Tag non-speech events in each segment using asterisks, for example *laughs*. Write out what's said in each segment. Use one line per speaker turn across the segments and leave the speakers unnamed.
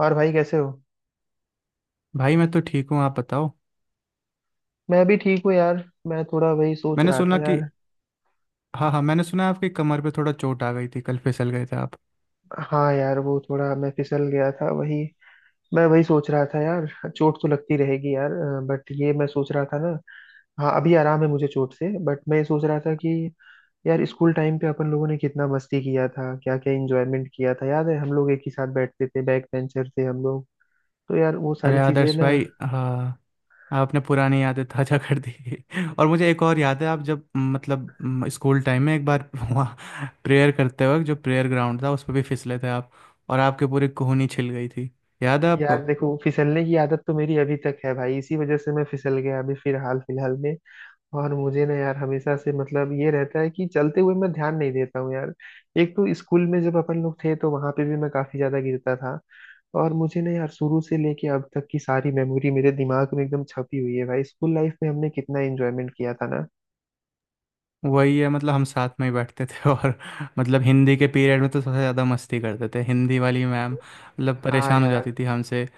और भाई कैसे हो।
भाई, मैं तो ठीक हूँ। आप बताओ।
मैं भी ठीक हूँ यार। मैं थोड़ा वही सोच
मैंने
रहा था
सुना कि
यार।
हाँ हाँ, मैंने सुना आपकी कमर पे थोड़ा चोट आ गई थी, कल फिसल गए थे आप।
हाँ यार वो थोड़ा मैं फिसल गया था वही। मैं वही सोच रहा था यार। चोट तो लगती रहेगी यार। बट ये मैं सोच रहा था ना। हाँ अभी आराम है मुझे चोट से, बट मैं ये सोच रहा था कि यार स्कूल टाइम पे अपन लोगों ने कितना मस्ती किया था, क्या क्या इंजॉयमेंट किया था। याद है हम लोग एक ही साथ बैठते थे, बैक बेंचर थे हम लोग। तो यार वो
अरे
सारी चीजें
आदर्श
ना।
भाई, हाँ, आपने पुरानी यादें ताजा कर दी। *laughs* और मुझे एक और याद है, आप जब मतलब स्कूल टाइम में एक बार *laughs* वहाँ प्रेयर करते वक्त, जो प्रेयर ग्राउंड था उस पर भी फिसले थे आप। और आपके पूरी कोहनी छिल गई थी। याद है
यार
आपको?
देखो फिसलने की आदत तो मेरी अभी तक है भाई, इसी वजह से मैं फिसल गया अभी फिलहाल फिलहाल में। और मुझे ना यार हमेशा से मतलब ये रहता है कि चलते हुए मैं ध्यान नहीं देता हूँ यार। एक तो स्कूल में जब अपन लोग थे तो वहां पे भी मैं काफी ज्यादा गिरता था। और मुझे ना यार शुरू से लेके अब तक की सारी मेमोरी मेरे दिमाग में एकदम छपी हुई है भाई। स्कूल लाइफ में हमने कितना एंजॉयमेंट किया था ना।
वही है, मतलब हम साथ में ही बैठते थे *laughs* और मतलब हिंदी के पीरियड में तो सबसे ज़्यादा मस्ती करते थे। हिंदी वाली मैम मतलब
हाँ
परेशान हो जाती
यार।
थी हमसे।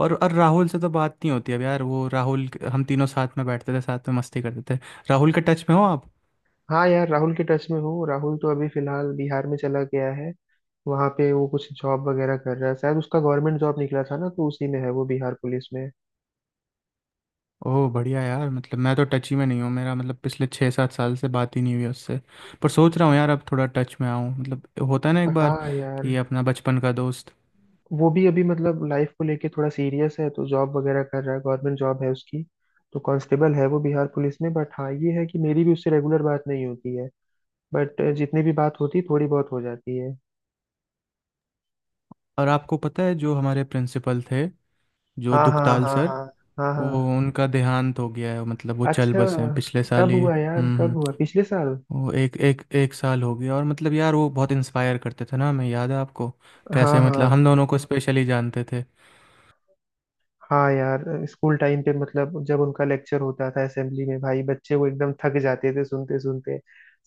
और राहुल से तो बात नहीं होती अब यार, वो राहुल, हम तीनों साथ में बैठते थे, साथ में मस्ती करते थे। राहुल के टच में हो आप?
हाँ यार राहुल के टच में हूँ। राहुल तो अभी फिलहाल बिहार में चला गया है। वहां पे वो कुछ जॉब वगैरह कर रहा है, शायद उसका गवर्नमेंट जॉब निकला था ना तो उसी में है वो, बिहार पुलिस में।
ओह, बढ़िया यार, मतलब मैं तो टच ही में नहीं हूँ। मेरा मतलब, पिछले 6-7 साल से बात ही नहीं हुई उससे। पर सोच रहा हूँ यार, अब थोड़ा टच में आऊँ, मतलब होता है ना एक बार
हाँ यार।
कि अपना बचपन का दोस्त।
वो भी अभी मतलब लाइफ को लेके थोड़ा सीरियस है तो जॉब वगैरह कर रहा है, गवर्नमेंट जॉब है उसकी। तो कांस्टेबल है वो बिहार पुलिस में। बट हाँ ये है कि मेरी भी उससे रेगुलर बात नहीं होती है। बट जितनी भी बात होती है थोड़ी बहुत हो जाती है।
और आपको पता है जो हमारे प्रिंसिपल थे, जो
हाँ हाँ
दुखताल
हाँ
सर,
हाँ। हाँ
वो
हाँ।
उनका देहांत हो गया है, मतलब वो चल
अच्छा।
बसे हैं पिछले साल
कब
ही।
हुआ यार?
हम्म,
कब
हम्म।
हुआ? पिछले साल?
वो एक एक एक साल हो गया, और मतलब यार वो बहुत इंस्पायर करते थे ना हमें। याद है आपको कैसे,
हाँ
मतलब
हाँ।
हम दोनों को स्पेशली जानते थे।
हाँ यार स्कूल टाइम पे मतलब जब उनका लेक्चर होता था असेंबली में भाई, बच्चे वो एकदम थक जाते थे सुनते सुनते।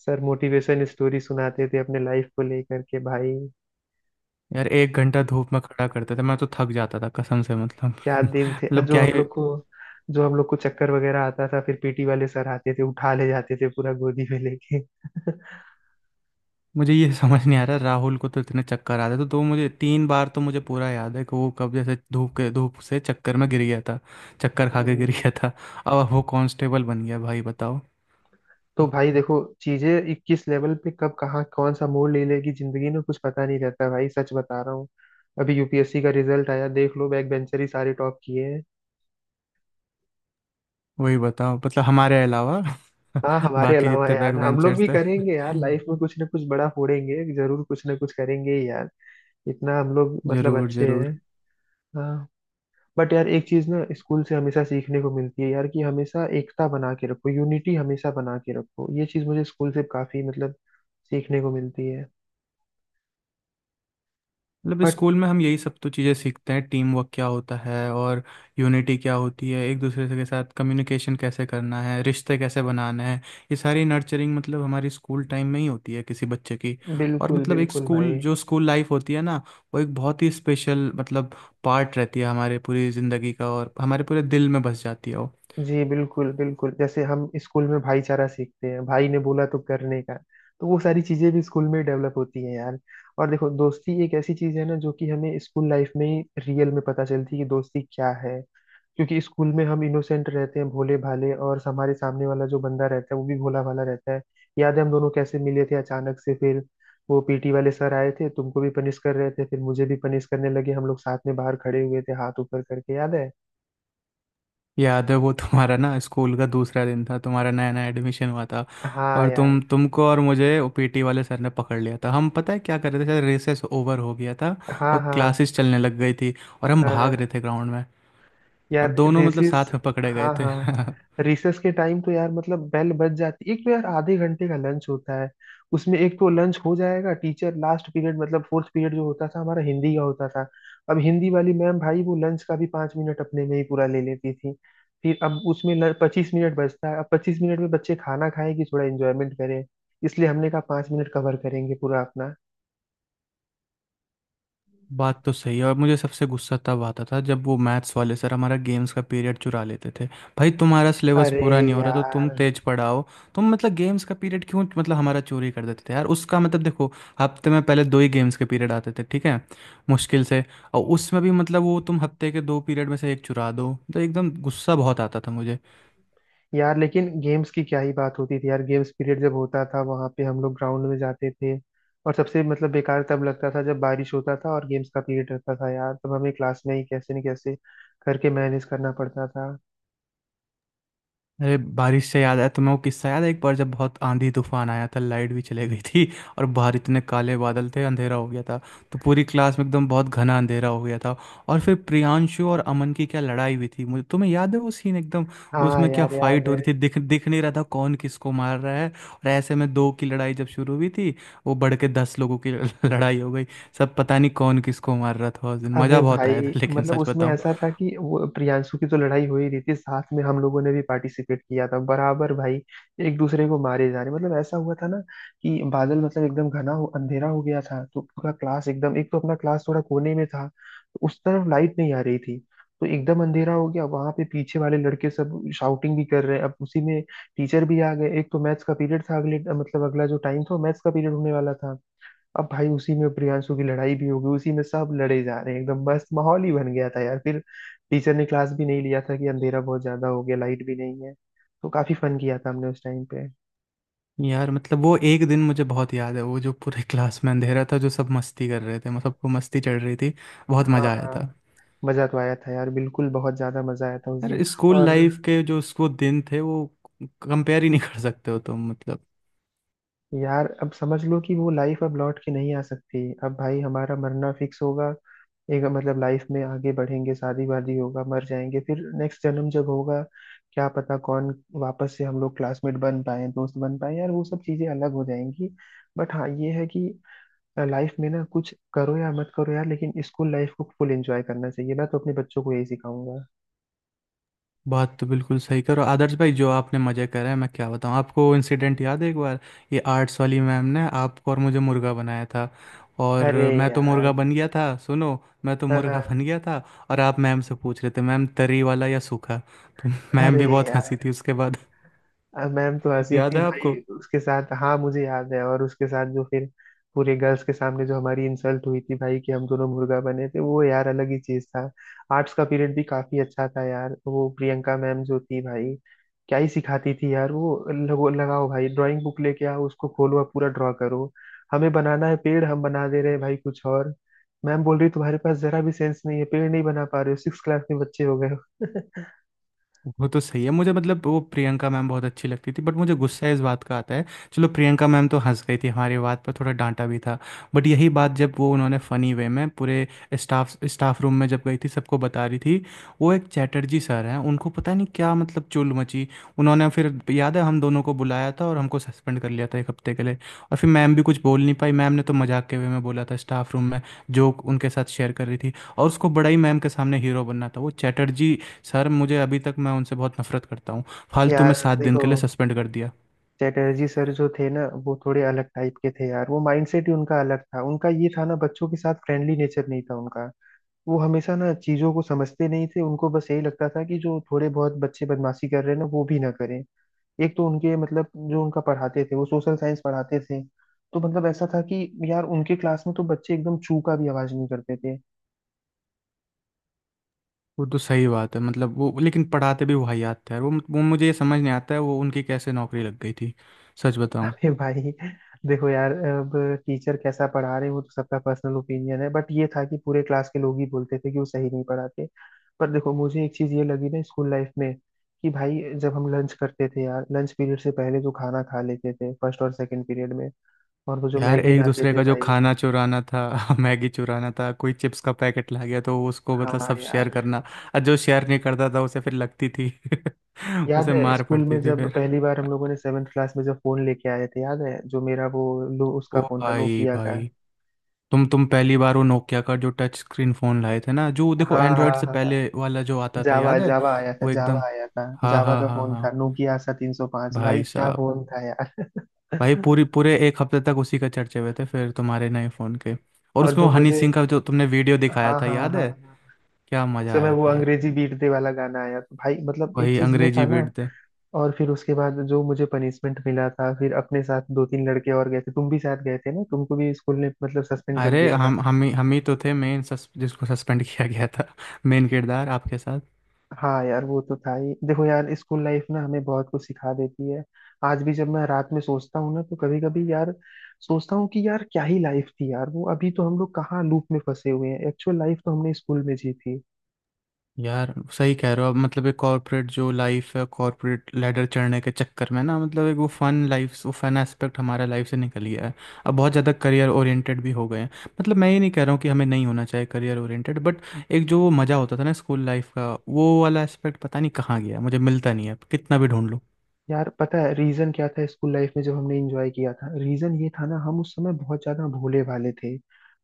सर मोटिवेशन स्टोरी सुनाते थे अपने लाइफ को लेकर के भाई।
यार, एक घंटा धूप में खड़ा करते थे, मैं तो थक जाता था कसम से, मतलब
क्या दिन थे
मतलब
जो
क्या
हम
ही।
लोग को। जो हम लोग को चक्कर वगैरह आता था फिर पीटी वाले सर आते थे उठा ले जाते थे पूरा गोदी में लेके।
मुझे ये *laughs* समझ नहीं आ रहा, राहुल को तो इतने चक्कर आते थे, तो मुझे 3 बार तो मुझे पूरा याद है कि वो कब जैसे धूप के धूप से चक्कर में गिर गया था, चक्कर खा के गिर
हम्म,
गया था। अब वो कांस्टेबल बन गया, भाई बताओ।
*laughs* तो भाई देखो, चीजें किस लेवल पे कब कहाँ कौन सा मोड़ ले लेगी जिंदगी में कुछ पता नहीं रहता भाई, सच बता रहा हूँ। अभी यूपीएससी का रिजल्ट आया देख लो, बैक बेंचर ही सारे टॉप किए हैं।
वही बताओ, मतलब हमारे अलावा
हाँ
*laughs*
हमारे
बाकी
अलावा
जितने बैक
यार, हम लोग
बेंचर्स
भी
थे।
करेंगे यार लाइफ में कुछ ना कुछ बड़ा फोड़ेंगे, जरूर कुछ ना कुछ करेंगे ही यार। इतना हम लोग मतलब
जरूर
अच्छे हैं।
जरूर।
हाँ। बट यार एक चीज ना स्कूल से हमेशा सीखने को मिलती है यार कि हमेशा एकता बना के रखो, यूनिटी हमेशा बना के रखो। ये चीज मुझे स्कूल से काफी मतलब सीखने को मिलती है।
मतलब
बट
स्कूल में हम यही सब तो चीज़ें सीखते हैं, टीम वर्क क्या होता है और यूनिटी क्या होती है, एक दूसरे से के साथ कम्युनिकेशन कैसे करना है, रिश्ते कैसे बनाने हैं। ये सारी नर्चरिंग मतलब हमारी स्कूल टाइम में ही होती है किसी बच्चे की। और
बिल्कुल
मतलब एक
बिल्कुल
स्कूल,
भाई।
जो स्कूल लाइफ होती है ना, वो एक बहुत ही स्पेशल मतलब पार्ट रहती है हमारे पूरी ज़िंदगी का, और हमारे पूरे दिल में बस जाती है वो।
जी बिल्कुल बिल्कुल। जैसे हम स्कूल में भाईचारा सीखते हैं, भाई ने बोला तो करने का, तो वो सारी चीजें भी स्कूल में डेवलप होती हैं यार। और देखो दोस्ती एक ऐसी चीज है ना जो कि हमें स्कूल लाइफ में ही रियल में पता चलती है कि दोस्ती क्या है। क्योंकि स्कूल में हम इनोसेंट रहते हैं, भोले भाले, और हमारे सामने वाला जो बंदा रहता है वो भी भोला भाला रहता है। याद है हम दोनों कैसे मिले थे अचानक से? फिर वो पीटी वाले सर आए थे, तुमको भी पनिश कर रहे थे फिर मुझे भी पनिश करने लगे। हम लोग साथ में बाहर खड़े हुए थे हाथ ऊपर करके, याद है?
याद है वो तुम्हारा ना स्कूल का दूसरा दिन था, तुम्हारा नया नया एडमिशन हुआ था,
हाँ
और
यार।
तुमको और मुझे पीटी वाले सर ने पकड़ लिया था। हम, पता है क्या कर रहे थे? शायद रेसेस ओवर हो गया था
हाँ
और
हाँ।
क्लासेस चलने लग गई थी, और हम भाग रहे
हाँ
थे ग्राउंड में, और
यार।
दोनों मतलब
रेसेस।
साथ में पकड़े गए
हाँ
थे।
हाँ।
*laughs*
रिसेस के टाइम तो यार मतलब बेल बज जाती, एक तो यार आधे घंटे का लंच होता है। उसमें एक तो लंच हो जाएगा, टीचर लास्ट पीरियड मतलब फोर्थ पीरियड जो होता था हमारा हिंदी का होता था। अब हिंदी वाली मैम भाई वो लंच का भी पाँच मिनट अपने में ही पूरा ले लेती थी। फिर अब उसमें पच्चीस मिनट बचता है। अब पच्चीस मिनट में बच्चे खाना खाएं कि थोड़ा एंजॉयमेंट करें? इसलिए हमने कहा पाँच मिनट कवर करेंगे पूरा अपना।
बात तो सही है, और मुझे सबसे गुस्सा तब आता था जब वो मैथ्स वाले सर हमारा गेम्स का पीरियड चुरा लेते थे। भाई, तुम्हारा सिलेबस
अरे
पूरा नहीं हो रहा तो तुम
यार।
तेज पढ़ाओ, तुम मतलब गेम्स का पीरियड क्यों मतलब हमारा चोरी कर देते थे यार। उसका मतलब देखो, हफ्ते में पहले दो ही गेम्स के पीरियड आते थे, ठीक है, मुश्किल से, और उसमें भी मतलब वो तुम हफ्ते के दो पीरियड में से एक चुरा दो, तो एकदम गुस्सा बहुत आता था मुझे।
यार लेकिन गेम्स की क्या ही बात होती थी यार। गेम्स पीरियड जब होता था वहां पे हम लोग ग्राउंड में जाते थे। और सबसे मतलब बेकार तब लगता था जब बारिश होता था और गेम्स का पीरियड रहता था यार, तब हमें क्लास में ही कैसे न कैसे करके मैनेज करना पड़ता था।
अरे, बारिश से याद है तुम्हें वो किस्सा? याद है एक बार जब बहुत आंधी तूफान आया था, लाइट भी चले गई थी *laughs* और बाहर इतने काले बादल थे, अंधेरा हो गया था, तो पूरी क्लास में एकदम बहुत घना अंधेरा हो गया था, और फिर प्रियांशु और अमन की क्या लड़ाई हुई थी मुझे, तुम्हें याद है वो सीन एकदम?
हाँ
उसमें क्या
यार याद
फाइट हो
है।
रही थी, दिख दिख नहीं रहा था कौन किसको मार रहा है, और ऐसे में दो की लड़ाई जब शुरू हुई थी, वो बढ़ के 10 लोगों की *laughs* लड़ाई हो गई। सब पता नहीं कौन किसको मार रहा था, उस दिन
अबे
मज़ा बहुत
भाई,
आया था लेकिन
मतलब
सच
उसमें
बताऊं
ऐसा था कि वो प्रियांशु की तो लड़ाई हो ही रही थी, साथ में हम लोगों ने भी पार्टिसिपेट किया था बराबर भाई। एक दूसरे को मारे जा रहे, मतलब ऐसा हुआ था ना कि बादल मतलब एकदम घना हो, अंधेरा हो गया था, तो पूरा क्लास एकदम, एक तो अपना क्लास थोड़ा कोने में था तो उस तरफ लाइट नहीं आ रही थी, तो एकदम अंधेरा हो गया। वहां पे पीछे वाले लड़के सब शाउटिंग भी कर रहे हैं, अब उसी में टीचर भी आ गए। एक तो मैथ्स का पीरियड था अगले, मतलब अगला जो टाइम था मैथ्स का पीरियड होने वाला था। अब भाई उसी में प्रियांशु की लड़ाई भी हो गई, उसी में सब लड़े जा रहे हैं, एकदम मस्त माहौल ही बन गया था यार। फिर टीचर ने क्लास भी नहीं लिया था कि अंधेरा बहुत ज्यादा हो गया, लाइट भी नहीं है। तो काफी फन किया था हमने उस टाइम पे।
यार, मतलब वो एक दिन मुझे बहुत याद है, वो जो पूरे क्लास में अंधेरा था, जो सब मस्ती कर रहे थे, मतलब सबको मस्ती चढ़ रही थी, बहुत
हाँ
मज़ा आया
हाँ।
था।
मजा तो आया था यार बिल्कुल, बहुत ज्यादा मजा आया था उस दिन।
यार, स्कूल
और
लाइफ के जो उसको दिन थे वो कंपेयर ही नहीं कर सकते हो तुम, मतलब
यार अब समझ लो कि वो लाइफ अब लौट के नहीं आ सकती, अब भाई हमारा मरना फिक्स होगा। एक मतलब लाइफ में आगे बढ़ेंगे, शादी वादी होगा, मर जाएंगे, फिर नेक्स्ट जन्म जब होगा क्या पता कौन वापस से हम लोग क्लासमेट बन पाए, दोस्त बन पाए। यार वो सब चीजें अलग हो जाएंगी। बट हाँ ये है कि लाइफ में ना कुछ करो या मत करो यार, लेकिन स्कूल लाइफ को फुल एंजॉय करना चाहिए। मैं तो अपने बच्चों को यही सिखाऊंगा।
बात तो बिल्कुल सही करो आदर्श भाई। जो आपने मज़े करे हैं, मैं क्या बताऊँ आपको। इंसिडेंट याद है, एक बार ये आर्ट्स वाली मैम ने आपको और मुझे मुर्गा बनाया था, और
अरे
मैं तो मुर्गा
यार।
बन गया था, सुनो, मैं तो
हाँ,
मुर्गा
हाँ।
बन गया था, और आप मैम से पूछ रहे थे, मैम, तरी वाला या सूखा? तो मैम
अरे
भी बहुत हंसी
यार।
थी उसके बाद।
अब मैम तो हंसी
याद
थी
है आपको?
भाई उसके साथ, हाँ मुझे याद है। और उसके साथ जो फिर पूरे गर्ल्स के सामने जो हमारी इंसल्ट हुई थी भाई कि हम दोनों मुर्गा बने थे, वो यार अलग ही चीज था। आर्ट्स का पीरियड भी काफी अच्छा था यार। वो प्रियंका मैम जो थी भाई, क्या ही सिखाती थी यार वो। लगो लगाओ भाई, ड्राइंग बुक लेके आओ, उसको खोलो और पूरा ड्रॉ करो। हमें बनाना है पेड़, हम बना दे रहे हैं भाई कुछ और। मैम बोल रही तुम्हारे पास जरा भी सेंस नहीं है, पेड़ नहीं बना पा रहे हो, सिक्स क्लास में बच्चे हो गए हो।
वो तो सही है, मुझे मतलब वो प्रियंका मैम बहुत अच्छी लगती थी, बट मुझे गुस्सा इस बात का आता है। चलो, प्रियंका मैम तो हंस गई थी हमारी बात पर, थोड़ा डांटा भी था, बट यही बात जब वो उन्होंने फनी वे में पूरे स्टाफ स्टाफ रूम में जब गई थी सबको बता रही थी, वो एक चैटर्जी सर हैं उनको पता नहीं क्या मतलब चुल मची। उन्होंने फिर, याद है, हम दोनों को बुलाया था और हमको सस्पेंड कर लिया था एक हफ्ते के लिए, और फिर मैम भी कुछ बोल नहीं पाई, मैम ने तो मजाक के वे में बोला था स्टाफ रूम में, जोक उनके साथ शेयर कर रही थी, और उसको बड़ा ही मैम के सामने हीरो बनना था वो चैटर्जी सर। मुझे अभी तक, मैं उनसे बहुत नफरत करता हूँ,
*laughs*
फालतू में
यार
7 दिन
देखो,
के लिए सस्पेंड कर दिया।
चटर्जी सर जो थे ना वो थोड़े अलग टाइप के थे यार। वो माइंडसेट ही उनका अलग था, उनका ये था ना बच्चों के साथ फ्रेंडली नेचर नहीं था उनका। वो हमेशा ना चीजों को समझते नहीं थे, उनको बस यही लगता था कि जो थोड़े बहुत बच्चे बदमाशी कर रहे हैं ना वो भी ना करें। एक तो उनके मतलब, जो उनका पढ़ाते थे वो सोशल साइंस पढ़ाते थे। तो मतलब ऐसा था कि यार उनके क्लास में तो बच्चे एकदम चू का भी आवाज नहीं करते थे।
वो तो सही बात है, मतलब वो लेकिन पढ़ाते भी वाहियात थे यार, वो मुझे ये समझ नहीं आता है वो उनकी कैसे नौकरी लग गई थी, सच बताऊँ।
अरे भाई देखो यार, अब टीचर कैसा पढ़ा रहे हैं वो तो सबका पर्सनल ओपिनियन है, बट ये था कि पूरे क्लास के लोग ही बोलते थे कि वो सही नहीं पढ़ाते। पर देखो मुझे एक चीज ये लगी ना स्कूल लाइफ में कि भाई जब हम लंच करते थे यार, लंच पीरियड से पहले जो खाना खा लेते थे फर्स्ट और सेकंड पीरियड में, और वो जो
यार,
मैगी
एक
लाते
दूसरे
थे
का जो
भाई।
खाना चुराना था *laughs* मैगी चुराना था, कोई चिप्स का पैकेट ला गया तो उसको मतलब
हाँ
सब शेयर
यार।
करना, और जो शेयर नहीं करता था उसे फिर लगती थी, *laughs*
याद
उसे
है
मार
स्कूल
पड़ती
में
थी
जब
फिर।
पहली बार हम लोगों ने सेवेंथ क्लास में जब फोन लेके आए थे? याद है जो मेरा वो, लो
ओ
उसका फोन था
भाई,
नोकिया का।
भाई, तुम पहली बार वो नोकिया का जो टच स्क्रीन फ़ोन लाए थे ना, जो देखो
हाँ
एंड्रॉयड
हाँ
से
हाँ।
पहले वाला जो आता था,
जावा
याद है?
जावा आया था,
वो
जावा
एकदम,
आया था।
हाँ
जावा
हाँ
का
हाँ
फोन था,
हाँ,
नोकिया आसा 305, भाई
भाई
क्या
साहब,
फोन था यार।
भाई पूरी
*laughs*
पूरे एक हफ्ते तक उसी का चर्चे हुए थे फिर तुम्हारे नए फ़ोन के, और
और
उसमें
जो
वो हनी
मुझे,
सिंह का जो तुमने वीडियो दिखाया
हाँ
था,
हाँ
याद
हाँ
है?
हाँ,
क्या
उस
मज़ा
समय
आया
वो
था यार।
अंग्रेजी बीटते वाला गाना आया तो भाई मतलब एक
वही
चीज ये था
अंग्रेजी
ना।
बेट थे।
और फिर उसके बाद जो मुझे पनिशमेंट मिला था, फिर अपने साथ दो तीन लड़के और गए थे, तुम भी साथ गए थे ना, तुमको भी स्कूल ने मतलब सस्पेंड कर
अरे,
दिया।
हम ही तो थे मेन जिसको सस्पेंड किया गया था, *laughs* मेन किरदार आपके साथ।
हाँ यार वो तो था ही। देखो यार स्कूल लाइफ ना हमें बहुत कुछ सिखा देती है। आज भी जब मैं रात में सोचता हूँ ना तो कभी कभी यार सोचता हूँ कि यार क्या ही लाइफ थी यार वो। अभी तो हम लोग कहाँ लूप में फंसे हुए हैं, एक्चुअल लाइफ तो हमने स्कूल में जी थी।
यार सही कह रहे हो, अब मतलब एक कॉर्पोरेट जो लाइफ है, कॉर्पोरेट लेडर चढ़ने के चक्कर में ना मतलब एक वो फन लाइफ वो फन एस्पेक्ट हमारा लाइफ से निकल गया है। अब बहुत ज़्यादा करियर ओरिएंटेड भी हो गए हैं। मतलब, मैं ये नहीं कह रहा हूँ कि हमें नहीं होना चाहिए करियर ओरिएंटेड, बट एक जो वो मज़ा होता था ना स्कूल लाइफ का, वो वाला एस्पेक्ट पता नहीं कहाँ गया, मुझे मिलता नहीं है अब कितना भी ढूंढ।
यार पता है रीजन क्या था स्कूल लाइफ में जब हमने एंजॉय किया था? रीजन ये था ना हम उस समय बहुत ज्यादा भोले भाले थे,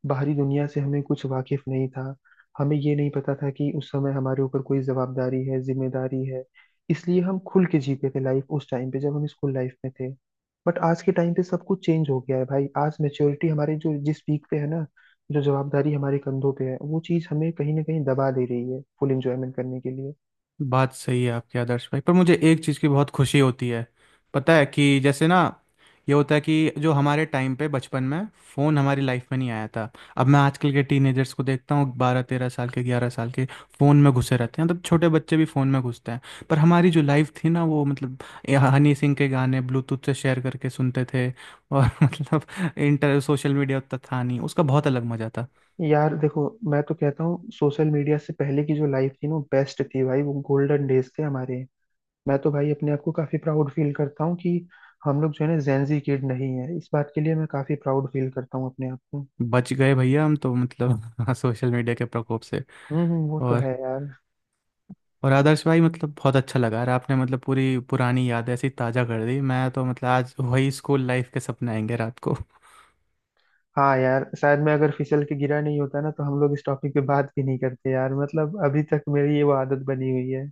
बाहरी दुनिया से हमें कुछ वाकिफ नहीं था। हमें ये नहीं पता था कि उस समय हमारे ऊपर कोई जवाबदारी है, जिम्मेदारी है। इसलिए हम खुल के जीते थे लाइफ उस टाइम पे जब हम स्कूल लाइफ में थे। बट आज के टाइम पे सब कुछ चेंज हो गया है भाई। आज मेच्योरिटी हमारे जो जिस पीक पे है ना, जो जवाबदारी हमारे कंधों पे है, वो चीज हमें कहीं ना कहीं दबा दे रही है फुल एंजॉयमेंट करने के लिए।
बात सही है आपके आदर्श भाई, पर मुझे एक चीज़ की बहुत खुशी होती है। पता है कि जैसे ना, ये होता है कि जो हमारे टाइम पे बचपन में फ़ोन हमारी लाइफ में नहीं आया था। अब मैं आजकल के टीनेजर्स को देखता हूँ, 12-13 साल के, 11 साल के, फ़ोन में घुसे रहते हैं, मतलब छोटे बच्चे भी फ़ोन में घुसते हैं। पर हमारी जो लाइफ थी ना, वो मतलब ये हनी सिंह के गाने ब्लूटूथ से शेयर करके सुनते थे, और *laughs* मतलब इंटर सोशल मीडिया उतना था नहीं, उसका बहुत अलग मज़ा था।
यार देखो, मैं तो कहता हूँ सोशल मीडिया से पहले की जो लाइफ थी ना बेस्ट थी भाई, वो गोल्डन डेज थे हमारे। मैं तो भाई अपने आप को काफी प्राउड फील करता हूँ कि हम लोग जो है ना जेंजी किड नहीं है, इस बात के लिए मैं काफी प्राउड फील करता हूँ अपने आप को।
बच गए भैया हम तो, मतलब *laughs* सोशल मीडिया के प्रकोप से।
वो तो
और
है यार।
और आदर्श भाई, मतलब बहुत अच्छा लगा यार। आपने मतलब पूरी पुरानी याद ऐसी ताज़ा कर दी, मैं तो मतलब आज वही स्कूल लाइफ के सपने आएंगे रात को।
हाँ यार, शायद मैं अगर फिसल के गिरा नहीं होता ना तो हम लोग इस टॉपिक पे बात भी नहीं करते यार, मतलब अभी तक मेरी ये वो आदत बनी हुई है।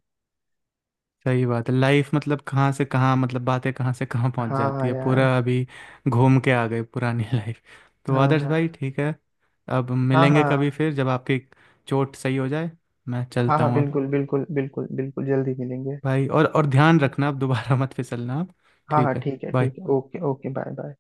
*laughs* सही बात है, लाइफ मतलब कहाँ से कहाँ, मतलब बातें कहाँ से कहाँ पहुँच
हाँ
जाती
हाँ
है,
यार।
पूरा अभी घूम के आ गए पुरानी *laughs* लाइफ। तो
हाँ
आदर्श भाई,
हाँ।
ठीक है, अब
हाँ
मिलेंगे कभी
हाँ।
फिर जब आपकी चोट सही हो जाए। मैं
हाँ
चलता
हाँ
हूँ अब
बिल्कुल बिल्कुल बिल्कुल बिल्कुल, जल्दी मिलेंगे।
भाई। और ध्यान रखना, अब दोबारा *laughs* मत फिसलना आप।
हाँ हाँ
ठीक है।
ठीक है
बाय।
ठीक है, ओके ओके, बाय बाय।